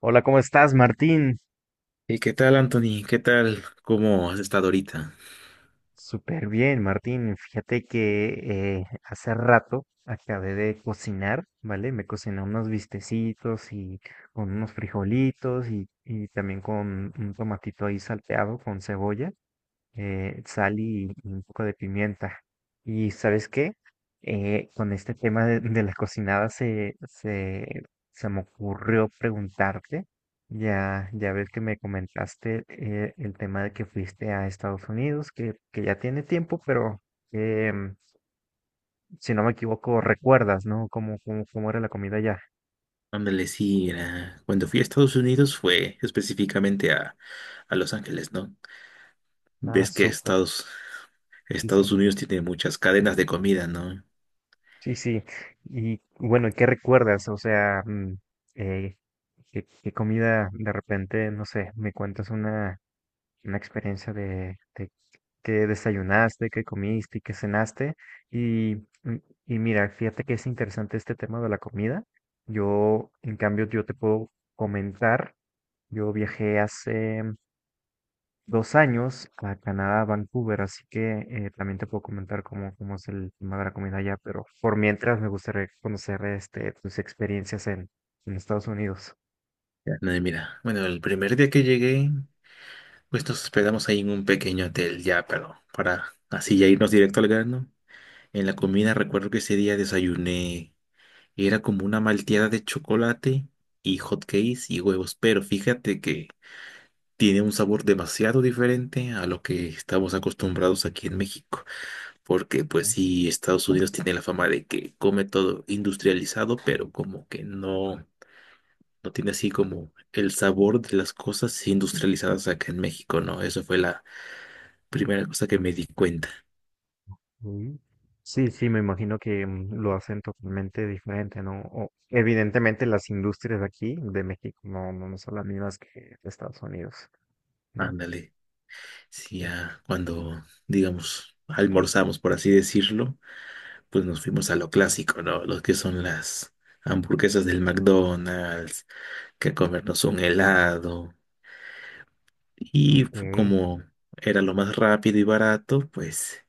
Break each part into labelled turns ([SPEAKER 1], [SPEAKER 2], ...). [SPEAKER 1] Hola, ¿cómo estás, Martín?
[SPEAKER 2] ¿Y qué tal, Anthony? ¿Qué tal? ¿Cómo has estado ahorita?
[SPEAKER 1] Súper bien, Martín. Fíjate que hace rato acabé de cocinar, ¿vale? Me cociné unos bistecitos y con unos frijolitos y también con un tomatito ahí salteado con cebolla. Eh, sal y un poco de pimienta. Y ¿sabes qué? Con este tema de la cocinada se me ocurrió preguntarte, ya ves que me comentaste el tema de que fuiste a Estados Unidos, que ya tiene tiempo, pero eh, si no me equivoco, recuerdas, ¿no? ¿Cómo, cómo, cómo era la comida allá?
[SPEAKER 2] Ándale, sí, cuando fui a Estados Unidos fue específicamente a Los Ángeles, ¿no?
[SPEAKER 1] Ah,
[SPEAKER 2] Ves que
[SPEAKER 1] súper.
[SPEAKER 2] Estados,
[SPEAKER 1] Sí, sí.
[SPEAKER 2] Estados Unidos tiene muchas cadenas de comida, ¿no?
[SPEAKER 1] Sí, sí. Y bueno, ¿qué recuerdas? O sea, eh, ¿qué, qué comida de repente, no sé, me cuentas una experiencia de qué desayunaste, qué comiste y qué cenaste? Y, mm, y mira, fíjate que es interesante este tema de la comida. Yo, en cambio, yo te puedo comentar, yo viajé hace 2 años a Canadá, a Vancouver, así que también te puedo comentar cómo, cómo es el tema de la comida allá, pero por mientras me gustaría conocer este, tus experiencias en Estados Unidos.
[SPEAKER 2] Ya. No, y mira, bueno, el primer día que llegué, pues nos hospedamos ahí en un pequeño hotel ya, pero para así ya irnos directo al grano. En la comida recuerdo que ese día desayuné, era como una malteada de chocolate y hot cakes y huevos, pero fíjate que tiene un sabor demasiado diferente a lo que estamos acostumbrados aquí en México, porque pues sí, Estados Unidos tiene la fama de que come todo industrializado, pero como que no, no tiene así como el sabor de las cosas industrializadas acá en México, ¿no? Eso fue la primera cosa que me di cuenta.
[SPEAKER 1] Ujú. Sí, sí, me imagino que lo hacen totalmente diferente, ¿no? O, evidentemente las industrias de aquí, de México, no, no son las mismas que de Estados Unidos, ¿no?
[SPEAKER 2] Ándale, sí, ya cuando, digamos, almorzamos, por así decirlo, pues nos fuimos a lo clásico, ¿no? Los que son las hamburguesas del McDonald's que comernos un helado. Y
[SPEAKER 1] Ok,
[SPEAKER 2] como era lo más rápido y barato, pues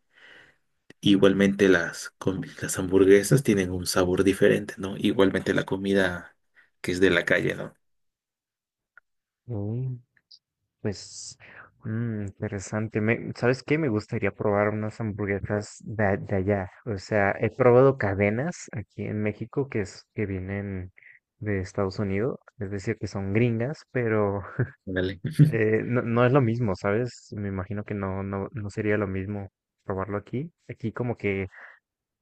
[SPEAKER 2] igualmente las hamburguesas tienen un sabor diferente, ¿no? Igualmente la comida que es de la calle, ¿no?
[SPEAKER 1] ok. Pues, interesante. Me- ¿sabes qué? Me gustaría probar unas hamburguesas de, a- de allá. O sea, he probado cadenas aquí en México que, es, que vienen de Estados Unidos, es decir, que son gringas, pero
[SPEAKER 2] Ándale.
[SPEAKER 1] no, no es lo mismo, ¿sabes? Me imagino que no, no, no sería lo mismo probarlo aquí. Aquí como que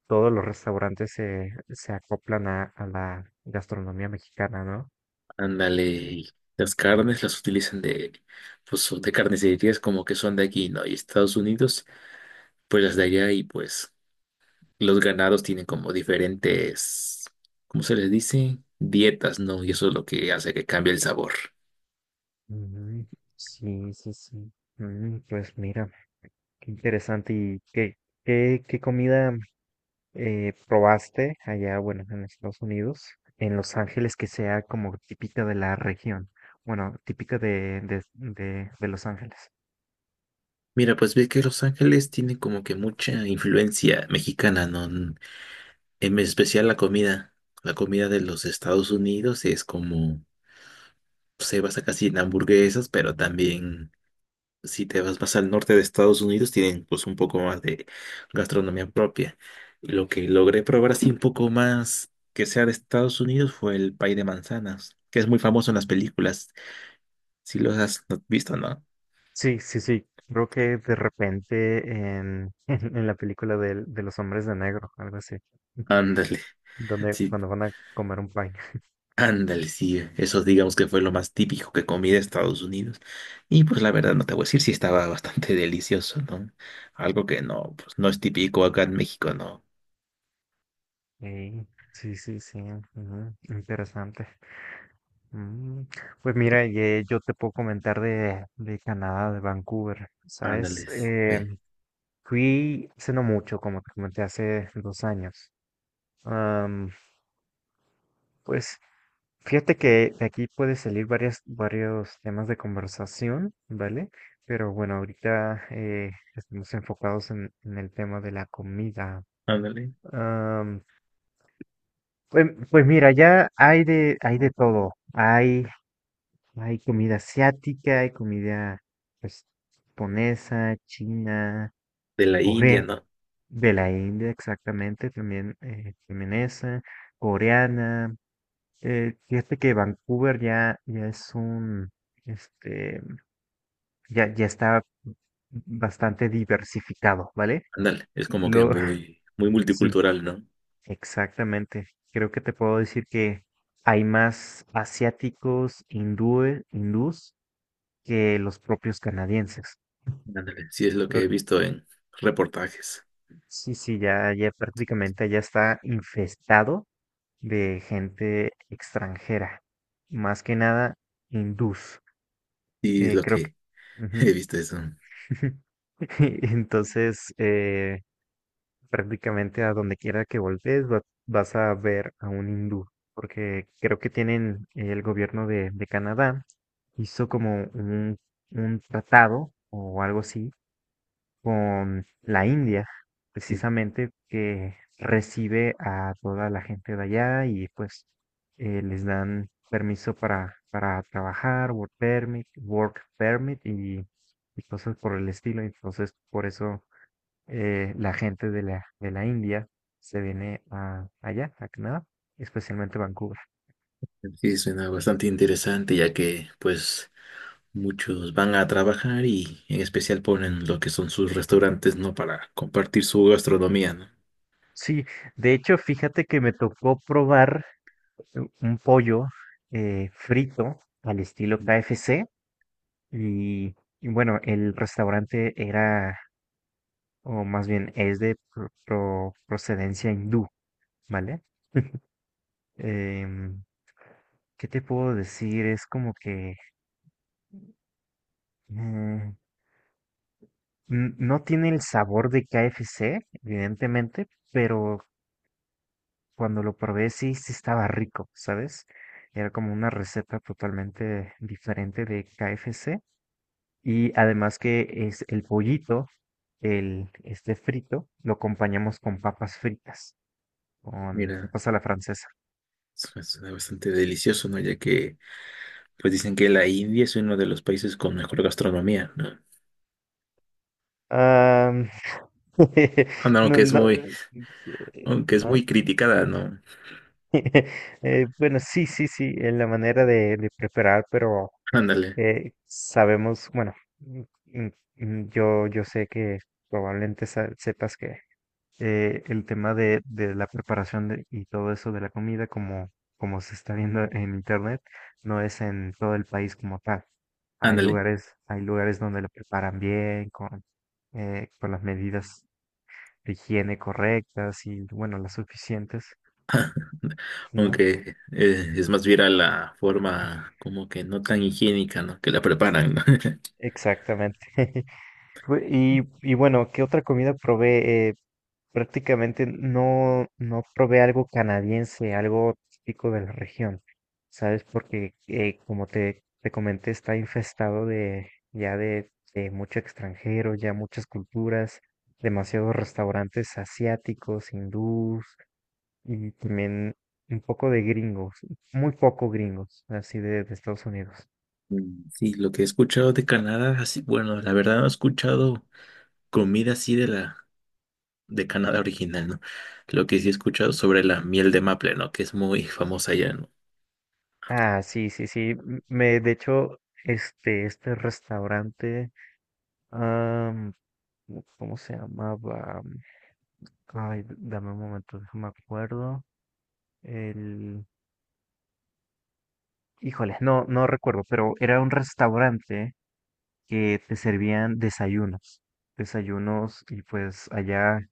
[SPEAKER 1] todos los restaurantes se acoplan a la gastronomía mexicana, ¿no?
[SPEAKER 2] Ándale. Y las carnes las utilizan de, pues, son de carnicerías como que son de aquí, ¿no? Y Estados Unidos, pues las de allá. Y pues los ganados tienen como diferentes, ¿cómo se les dice? Dietas, ¿no? Y eso es lo que hace que cambie el sabor.
[SPEAKER 1] Ujú. Sí, sí, sí. Mm, pues mira. Qué interesante. ¿Y qué, qué, qué comida probaste allá, bueno, en Estados Unidos, en Los Ángeles, que sea como típica de la región? Bueno, típica de Los Ángeles.
[SPEAKER 2] Mira, pues ve que Los Ángeles tiene como que mucha influencia mexicana, ¿no? Mm, en especial la comida. La comida de los Estados Unidos es como, se basa casi en hamburguesas, pero también si te vas más al norte de Estados Unidos, tienen pues un poco más de gastronomía propia. Lo que logré probar así un poco más que sea de Estados Unidos fue el pay de manzanas, que es muy famoso en las películas. Si los has visto, ¿no?
[SPEAKER 1] Sí, sí, sí. Creo que de repente en, en, la película del- de, los hombres de negro, algo así,
[SPEAKER 2] Ándale,
[SPEAKER 1] donde,
[SPEAKER 2] sí,
[SPEAKER 1] cuando van a comer un pie.
[SPEAKER 2] ándale, sí. Eso digamos que fue lo más típico que comí de Estados Unidos. Y pues la verdad no te voy a decir si estaba bastante delicioso, ¿no? Algo que no, pues no es típico acá en México, ¿no?
[SPEAKER 1] Ey, sí, sí, sí. Ujú, interesante. Mm, Pues mira, ye- yo te puedo comentar de Canadá, de Vancouver, ¿sabes?
[SPEAKER 2] Ándale, sí, ve,
[SPEAKER 1] Fui hace no mucho, como te comenté, hace 2 años. Am, pues fíjate que de aquí puede salir varias, varios temas de conversación, ¿vale? Pero bueno, ahorita estamos enfocados en el tema de la comida.
[SPEAKER 2] ándale.
[SPEAKER 1] Am, pues, pues mira, ya hay de todo. Hay comida asiática, hay comida pues, japonesa, china,
[SPEAKER 2] De la India,
[SPEAKER 1] corea,
[SPEAKER 2] ¿no?
[SPEAKER 1] de la India exactamente, también, también esa, coreana. Fíjate que Vancouver ya, ya es un, este, ya, ya está bastante diversificado, ¿vale?
[SPEAKER 2] Ándale, es como que
[SPEAKER 1] Lo,
[SPEAKER 2] muy, muy
[SPEAKER 1] sí,
[SPEAKER 2] multicultural, ¿no?
[SPEAKER 1] exactamente. Creo que te puedo decir que hay más asiáticos, hindúes, hindús que los propios canadienses.
[SPEAKER 2] Ándale, sí, es lo que he visto en reportajes.
[SPEAKER 1] Sí, sí, ya, ya prácticamente ya está infestado de gente extranjera, más que nada hindús.
[SPEAKER 2] Sí, es lo
[SPEAKER 1] Creo que...
[SPEAKER 2] que
[SPEAKER 1] Ujú.
[SPEAKER 2] he visto eso.
[SPEAKER 1] Entonces, prácticamente a donde quiera que voltees va- vas a ver a un hindú, porque creo que tienen el gobierno de Canadá hizo como un tratado o algo así con la India, precisamente que recibe a toda la gente de allá y pues les dan permiso para trabajar, work permit y cosas por el estilo. Entonces, por eso la gente de la India se viene a, allá, a Canadá, especialmente Vancouver.
[SPEAKER 2] Sí, suena bastante interesante, ya que pues muchos van a trabajar y en especial ponen lo que son sus restaurantes, ¿no? Para compartir su gastronomía, ¿no?
[SPEAKER 1] Sí, de hecho, fíjate que me tocó probar un pollo frito al estilo KFC. Y, y bueno, el restaurante era, o más bien es de pro- pro- procedencia hindú, ¿vale? Em, ¿qué te puedo decir? Es como que mm, n- no tiene el sabor de KFC, evidentemente, pero cuando lo probé sí, sí estaba rico, ¿sabes? Era como una receta totalmente diferente de KFC. Y además que es el pollito, el, este frito, lo acompañamos con papas fritas, con
[SPEAKER 2] Mira,
[SPEAKER 1] papas a la francesa.
[SPEAKER 2] suena bastante delicioso, ¿no? Ya que pues dicen que la India es uno de los países con mejor gastronomía, ¿no?
[SPEAKER 1] Ah,
[SPEAKER 2] Anda,
[SPEAKER 1] no,
[SPEAKER 2] aunque es
[SPEAKER 1] no,
[SPEAKER 2] muy, aunque es
[SPEAKER 1] ajá.
[SPEAKER 2] muy criticada, ¿no?
[SPEAKER 1] Bueno, sí, sí, sí, es la manera de preparar, pero
[SPEAKER 2] Ándale,
[SPEAKER 1] sabemos, bueno, mm, mm, yo, yo sé que probablemente sa- sepas que el tema de la preparación de- y todo eso de la comida, como, como se está viendo en internet, no es en todo el país como tal.
[SPEAKER 2] ándale.
[SPEAKER 1] Hay lugares donde la preparan bien, con las medidas de higiene correctas y, bueno, las suficientes, ¿no?
[SPEAKER 2] Aunque es más viral la forma como que no tan higiénica, ¿no? Que la preparan, ¿no?
[SPEAKER 1] Exactamente. Bu- Y, y bueno, ¿qué otra comida probé? Prácticamente no, no probé algo canadiense, algo típico de la región, ¿sabes? Porque como te comenté, está infestado de ya de mucho extranjero, ya muchas culturas, demasiados restaurantes asiáticos, hindús y también un poco de gringos, muy poco gringos, así de Estados Unidos.
[SPEAKER 2] Mm, sí, lo que he escuchado de Canadá, así, bueno, la verdad no he escuchado comida así de la de Canadá original, ¿no? Lo que sí he escuchado sobre la miel de maple, ¿no? Que es muy famosa allá, ¿no?
[SPEAKER 1] Ah, sí, sí, sí. m- Me, de hecho, este restaurante, am, ¿cómo cómo se llamaba? Ay, d- dame un momento, déjame acuerdo. El, híjole, no, no recuerdo, pero era un restaurante que te servían desayunos, desayunos y pues allá,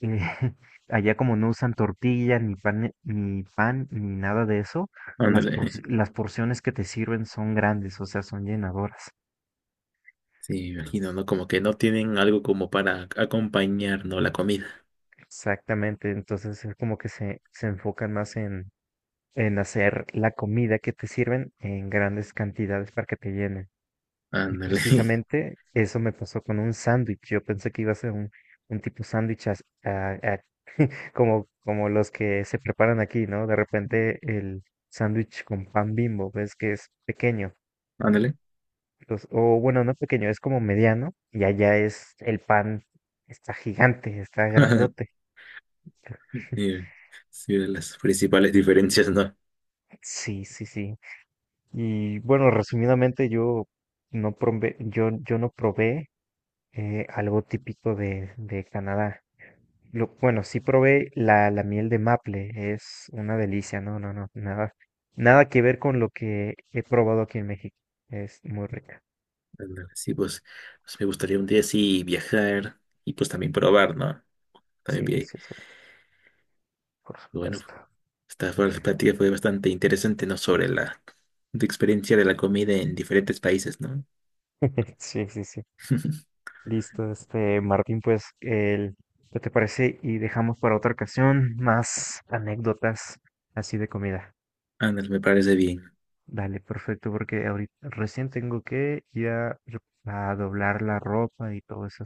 [SPEAKER 1] allá como no usan tortilla ni pan, ni pan ni nada de eso, las porci-
[SPEAKER 2] Ándale.
[SPEAKER 1] las porciones que te sirven son grandes, o sea, son llenadoras.
[SPEAKER 2] Sí, me imagino, ¿no? Como que no tienen algo como para acompañar, ¿no? La comida.
[SPEAKER 1] Exactamente, entonces es como que se enfocan más en hacer la comida que te sirven en grandes cantidades para que te llenen. Y
[SPEAKER 2] Ándale.
[SPEAKER 1] precisamente eso me pasó con un sándwich. Yo pensé que iba a ser un tipo sándwich as- a- como, como los que se preparan aquí, ¿no? De repente el sándwich con pan Bimbo, ves que es pequeño.
[SPEAKER 2] Ándale.
[SPEAKER 1] Entonces, o bueno, no pequeño, es como mediano y allá es el pan, está gigante, está grandote.
[SPEAKER 2] Sí, sí, de las principales diferencias, ¿no?
[SPEAKER 1] Sí, sí, sí. Y bueno, resumidamente, yo no probé, yo no probé algo típico de Canadá. Lo- bueno, sí probé la, la miel de maple, es una delicia, no, no, no, nada, nada que ver con lo que he probado aquí en México. Es muy rica.
[SPEAKER 2] Ándale, sí, pues, pues me gustaría un día así viajar y pues también probar, ¿no? También
[SPEAKER 1] Sí,
[SPEAKER 2] vi,
[SPEAKER 1] sí, sí, por
[SPEAKER 2] pues, bueno,
[SPEAKER 1] supuesto.
[SPEAKER 2] la plática fue bastante interesante, ¿no? Sobre la, tu experiencia de la comida en diferentes países, ¿no?
[SPEAKER 1] Sí, sí, sí. Listo, este, Martín, pues, el, ¿qué te parece? Y dejamos para otra ocasión más anécdotas así de comida.
[SPEAKER 2] Ándale, me parece bien.
[SPEAKER 1] Dale, perfecto, porque ahorita recién tengo que ir a doblar la ropa y todo eso,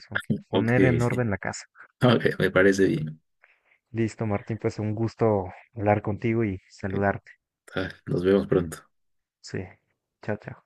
[SPEAKER 2] Ok,
[SPEAKER 1] poner en
[SPEAKER 2] sí.
[SPEAKER 1] orden la casa.
[SPEAKER 2] Ok, me parece bien.
[SPEAKER 1] Listo, Martín, pues un gusto hablar contigo y
[SPEAKER 2] Ok,
[SPEAKER 1] saludarte.
[SPEAKER 2] ah, nos vemos pronto.
[SPEAKER 1] Sí, chao, chao.